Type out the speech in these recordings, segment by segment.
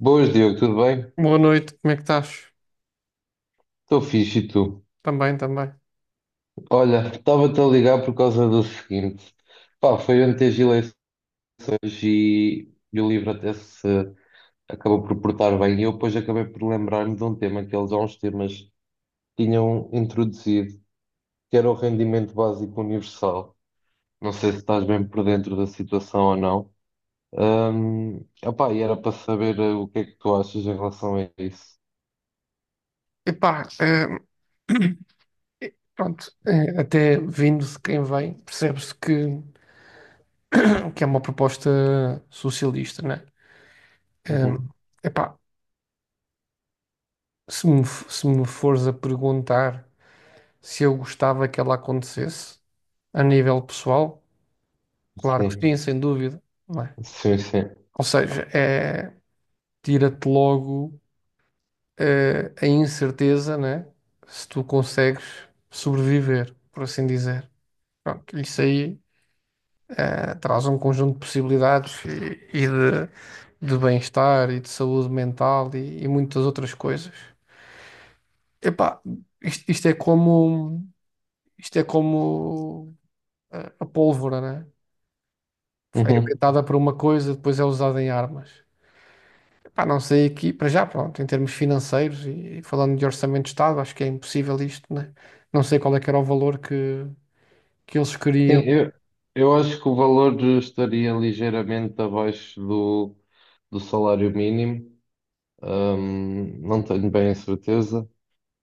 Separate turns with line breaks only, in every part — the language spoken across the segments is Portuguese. Boas, Diogo, tudo bem?
Boa noite, como é que estás?
Estou fixe e tu?
Também, também.
Olha, estava-te a ligar por causa do seguinte. Pá, foi ontem as eleições e o livro até se acabou por portar bem. E eu depois acabei por lembrar-me de um tema que eles há uns temas tinham introduzido, que era o rendimento básico universal. Não sei se estás bem por dentro da situação ou não. Opá, e era para saber o que é que tu achas em relação a isso.
Epá, pronto, até vindo de quem vem, percebe-se que é uma proposta socialista, né? Eh,
Uhum.
Epá, se me fores a perguntar se eu gostava que ela acontecesse a nível pessoal, claro que
Sim,
sim, sem dúvida, não é?
sim, sim.
Ou seja, é, tira-te logo, a incerteza, né? Se tu consegues sobreviver, por assim dizer. Pronto, isso aí traz um conjunto de possibilidades de bem-estar e de saúde mental e muitas outras coisas. Epá, isto é como, a pólvora, né? Foi inventada para uma coisa, depois é usada em armas. Epá, não sei aqui, para já, pronto, em termos financeiros e falando de orçamento de Estado, acho que é impossível isto, né? Não sei qual é que era o valor que eles
Sim,
queriam.
eu acho que o valor estaria ligeiramente abaixo do salário mínimo. Não tenho bem a certeza.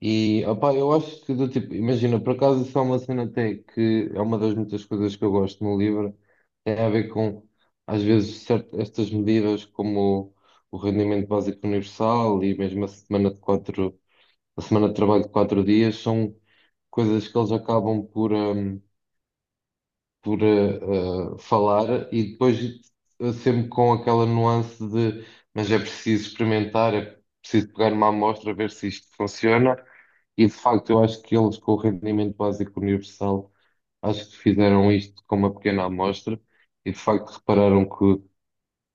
E opá, eu acho que do tipo, imagina, por acaso isso é uma cena até que é uma das muitas coisas que eu gosto no livro, tem a ver com às vezes certo, estas medidas como o rendimento básico universal e mesmo a semana de trabalho de quatro dias são coisas que eles acabam por falar e depois sempre com aquela nuance de mas é preciso experimentar, é preciso pegar uma amostra, ver se isto funciona. E de facto, eu acho que eles com o rendimento básico universal, acho que fizeram isto com uma pequena amostra e de facto repararam que,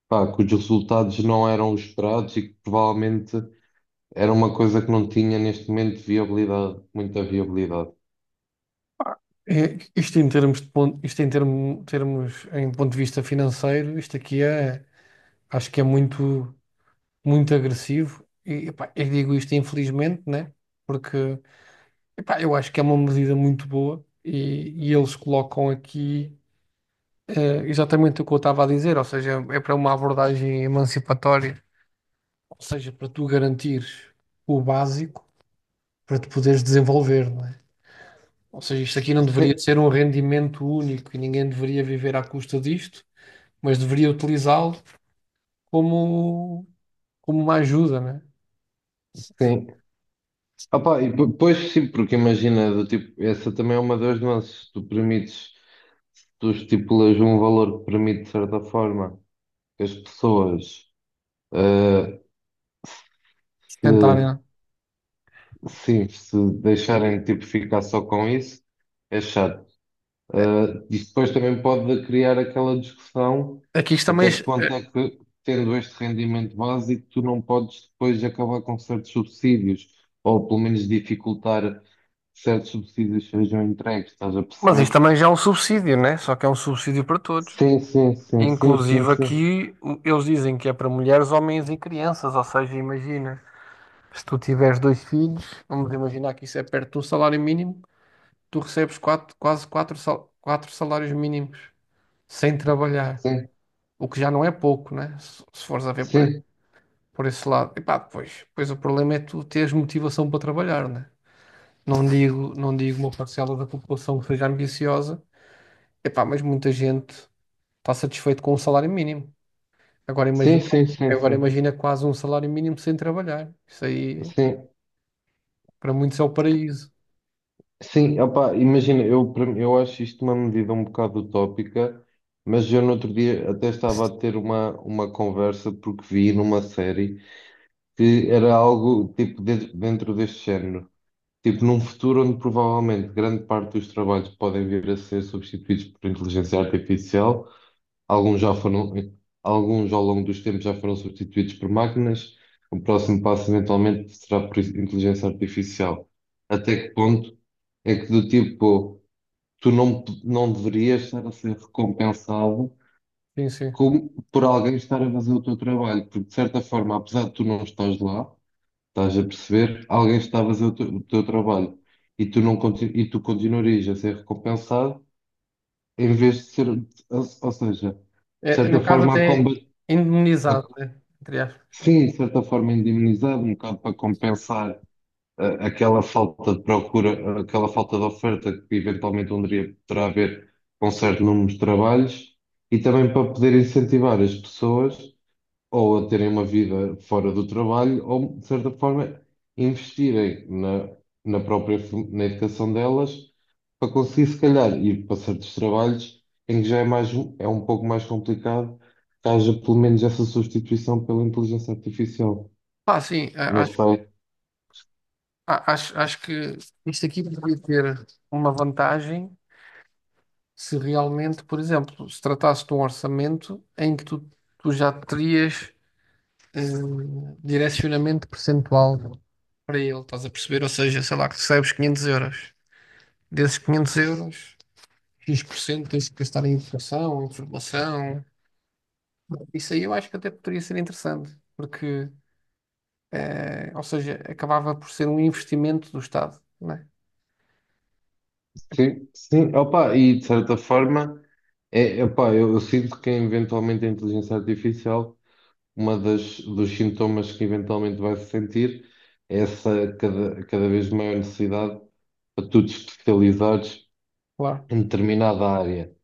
pá, que os resultados não eram os esperados e que provavelmente era uma coisa que não tinha neste momento viabilidade, muita viabilidade.
É, isto em termos de ponto, isto em termos em ponto de vista financeiro, isto aqui é, acho que é muito, muito agressivo e epá, eu digo isto infelizmente, né? Porque epá, eu acho que é uma medida muito boa e eles colocam aqui exatamente o que eu estava a dizer, ou seja, é para uma abordagem emancipatória, ou seja, para tu garantires o básico para te poderes desenvolver, não é? Ou seja, isto aqui não deveria
Sim,
ser um rendimento único e ninguém deveria viver à custa disto, mas deveria utilizá-lo como, como uma ajuda, né?
sim. Opa, e pois sim, porque imagina, do tipo, essa também é uma das nuances. Tu permites, tu estipulas um valor que permite, de certa forma, que as pessoas, eh,
Sustentarem,
se,
né?
sim, se deixarem tipo, ficar só com isso, é chato. Eh, isso depois também pode criar aquela discussão
Aqui isto também,
até que
é,
ponto
é,
é que, tendo este rendimento básico, tu não podes depois acabar com certos subsídios, ou pelo menos dificultar que certos subsídios sejam entregues, estás a
mas isto
perceber?
também já é um subsídio, né? Só que é um subsídio para todos.
Sim, sim, sim, sim, sim,
Inclusive aqui eles dizem que é para mulheres, homens e crianças. Ou seja, imagina, se tu tiveres dois filhos, vamos imaginar que isso é perto de um salário mínimo, tu recebes quatro, quase quatro, quatro salários mínimos sem trabalhar,
sim,
o que já não é pouco, né? Se fores a ver
sim,
por esse lado. E pá, pois, pois o problema é tu teres motivação para trabalhar, né? Não digo, não digo uma parcela da população que seja ambiciosa, e pá, mas muita gente está satisfeito com o salário mínimo. Agora imagina,
sim, sim, sim, sim,
agora
sim,
imagina quase um salário mínimo sem trabalhar. Isso aí,
sim,
para muitos, é o paraíso.
sim, opá, imagina, eu acho isto uma medida um bocado utópica, mas eu no outro dia até estava a ter uma conversa porque vi numa série que era algo dentro deste género, tipo num futuro onde provavelmente grande parte dos trabalhos podem vir a ser substituídos por inteligência artificial. Alguns já foram, alguns ao longo dos tempos já foram substituídos por máquinas. O próximo passo eventualmente será por inteligência artificial. Até que ponto é que do tipo, tu não deverias estar a ser recompensado
Sim, sim.
por alguém estar a fazer o teu trabalho? Porque de certa forma, apesar de tu não estás lá, estás a perceber, alguém está a fazer o teu trabalho e tu não conti- e tu continuarias a ser recompensado em vez de ser, ou seja, de
É,
certa
no caso,
forma a
até
combater.
indemnizado, né? Entre aspas.
Sim, de certa forma indemnizado, um bocado para compensar aquela falta de procura, aquela falta de oferta que eventualmente um dia poderá haver com certo número de trabalhos e também para poder incentivar as pessoas ou a terem uma vida fora do trabalho, ou, de certa forma, investirem na própria na educação delas para conseguir, se calhar, ir para certos trabalhos em que já é mais, é um pouco mais complicado que haja, pelo menos, essa substituição pela inteligência artificial.
Pá, sim,
Não sei.
acho que isto aqui poderia ter uma vantagem se realmente, por exemplo, se tratasse de um orçamento em que tu já terias eh, direcionamento percentual para ele, estás a perceber? Ou seja, sei lá, que recebes 500 euros. Desses 500 euros, X% tens que gastar em educação, em formação. Isso aí eu acho que até poderia ser interessante, porque, ou seja, acabava por ser um investimento do Estado, não é?
Sim, sim. Opa, e, de certa forma, epá, eu sinto que, eventualmente, a inteligência artificial uma dos sintomas que eventualmente vai se sentir é essa cada vez maior necessidade para tu te especializares
Claro.
em determinada área.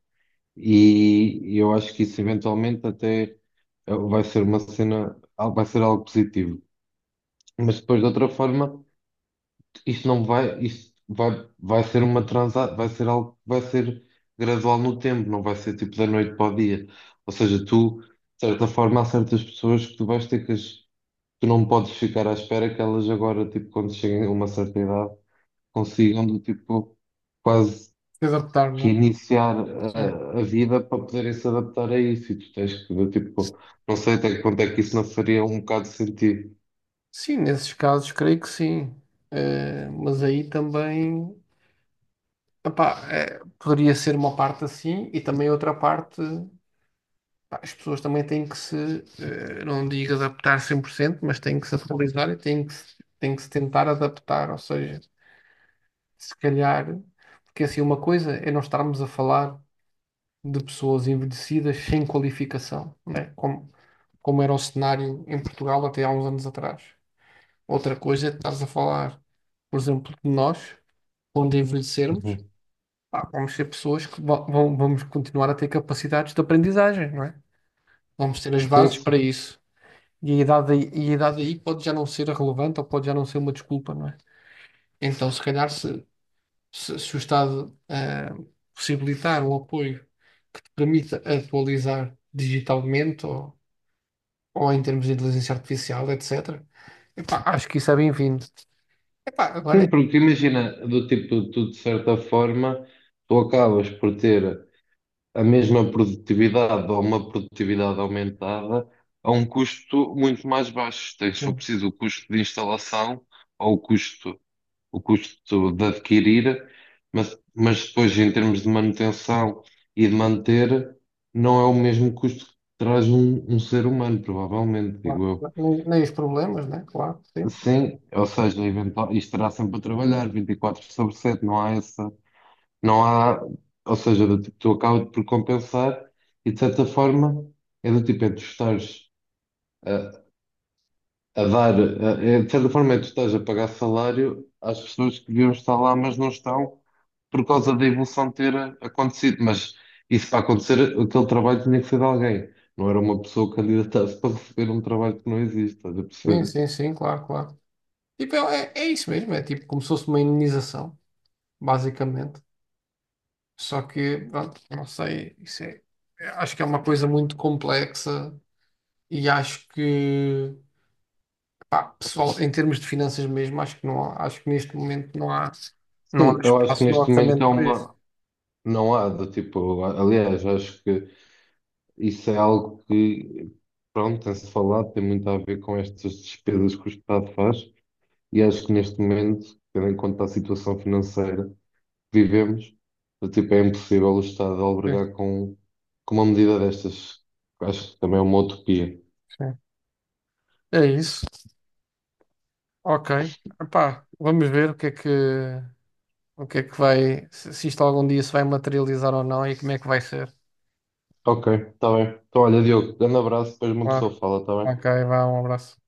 E eu acho que isso eventualmente até vai ser uma cena, vai ser algo positivo. Mas depois, de outra forma, isto não vai, isto vai ser uma transa, vai ser algo que vai ser gradual no tempo, não vai ser tipo da noite para o dia. Ou seja, tu, de certa forma, há certas pessoas que tu vais ter que as tu não podes ficar à espera que elas agora, tipo, quando cheguem a uma certa idade, consigam, do tipo, quase
Se adaptar, não é?
reiniciar
Sim.
a vida para poderem se adaptar a isso. E tu tens que, do tipo, não sei até que ponto é que isso não faria um bocado de sentido.
Sim, nesses casos creio que sim. Mas aí também. Epá, é, poderia ser uma parte assim e também outra parte, pá, as pessoas também têm que se, não digo adaptar 100%, mas têm que se atualizar e têm que se tentar adaptar, ou seja, se calhar, porque assim uma coisa é não estarmos a falar de pessoas envelhecidas sem qualificação, né? Como era o cenário em Portugal até há uns anos atrás. Outra coisa é estar a falar, por exemplo, de nós, quando envelhecermos,
Uhum.
pá, vamos ser pessoas que vão, vamos continuar a ter capacidades de aprendizagem, não é? Vamos ter as
Sim,
bases para
sim.
isso. E a idade aí pode já não ser relevante ou pode já não ser uma desculpa, não é? Então, se calhar, se o Estado possibilitar um apoio que te permita atualizar digitalmente ou em termos de inteligência artificial, etc., epá, acho que isso é bem-vindo. Epá, agora é.
Sim, porque imagina, do tipo, tu de certa forma, tu acabas por ter a mesma produtividade ou uma produtividade aumentada a um custo muito mais baixo. Tens, se for
Sim,
preciso, o custo de instalação ou o custo de adquirir, mas depois, em termos de manutenção e de manter, não é o mesmo custo que traz um ser humano, provavelmente,
claro.
digo eu.
Nem, nem os problemas, né? Claro, sim.
Sim, ou seja, isto estará sempre a trabalhar 24 sobre 7, não há essa. Não há, ou seja, do tipo, tu acabas por compensar e de certa forma é do tipo, é tu estares a, a dar, é, de certa forma é tu estás a pagar salário às pessoas que deviam estar lá, mas não estão por causa da evolução ter acontecido. Mas isso para acontecer, aquele trabalho tinha que ser de alguém, não era uma pessoa candidata-se para receber um trabalho que não existe, estás a
Sim, sim,
perceber?
sim, claro, claro. Tipo, é isso mesmo, é tipo como se fosse uma imunização, basicamente. Só que, pronto, não sei, isso é, acho que é uma coisa muito complexa e acho que, pá, pessoal, em termos de finanças mesmo, acho que não há, acho que neste momento não há, não há
Sim, eu acho que
espaço no
neste momento
orçamento
é
para isso.
uma. Não há, do tipo, aliás, acho que. Isso é algo que, pronto, tem-se falado, tem muito a ver com estas despesas que o Estado faz, e acho que neste momento, tendo em conta a situação financeira que vivemos, do tipo, é impossível o Estado
Sim,
albergar com uma medida destas. Acho que também é uma utopia.
sim. É isso. Ok. Epá, vamos ver o que é que, o que é que vai, se isto algum dia se vai materializar ou não e como é que vai ser.
Ok, está bem. Então, olha, Diogo, grande abraço, depois uma
Claro.
pessoa fala, está bem?
Ok, vá, um abraço.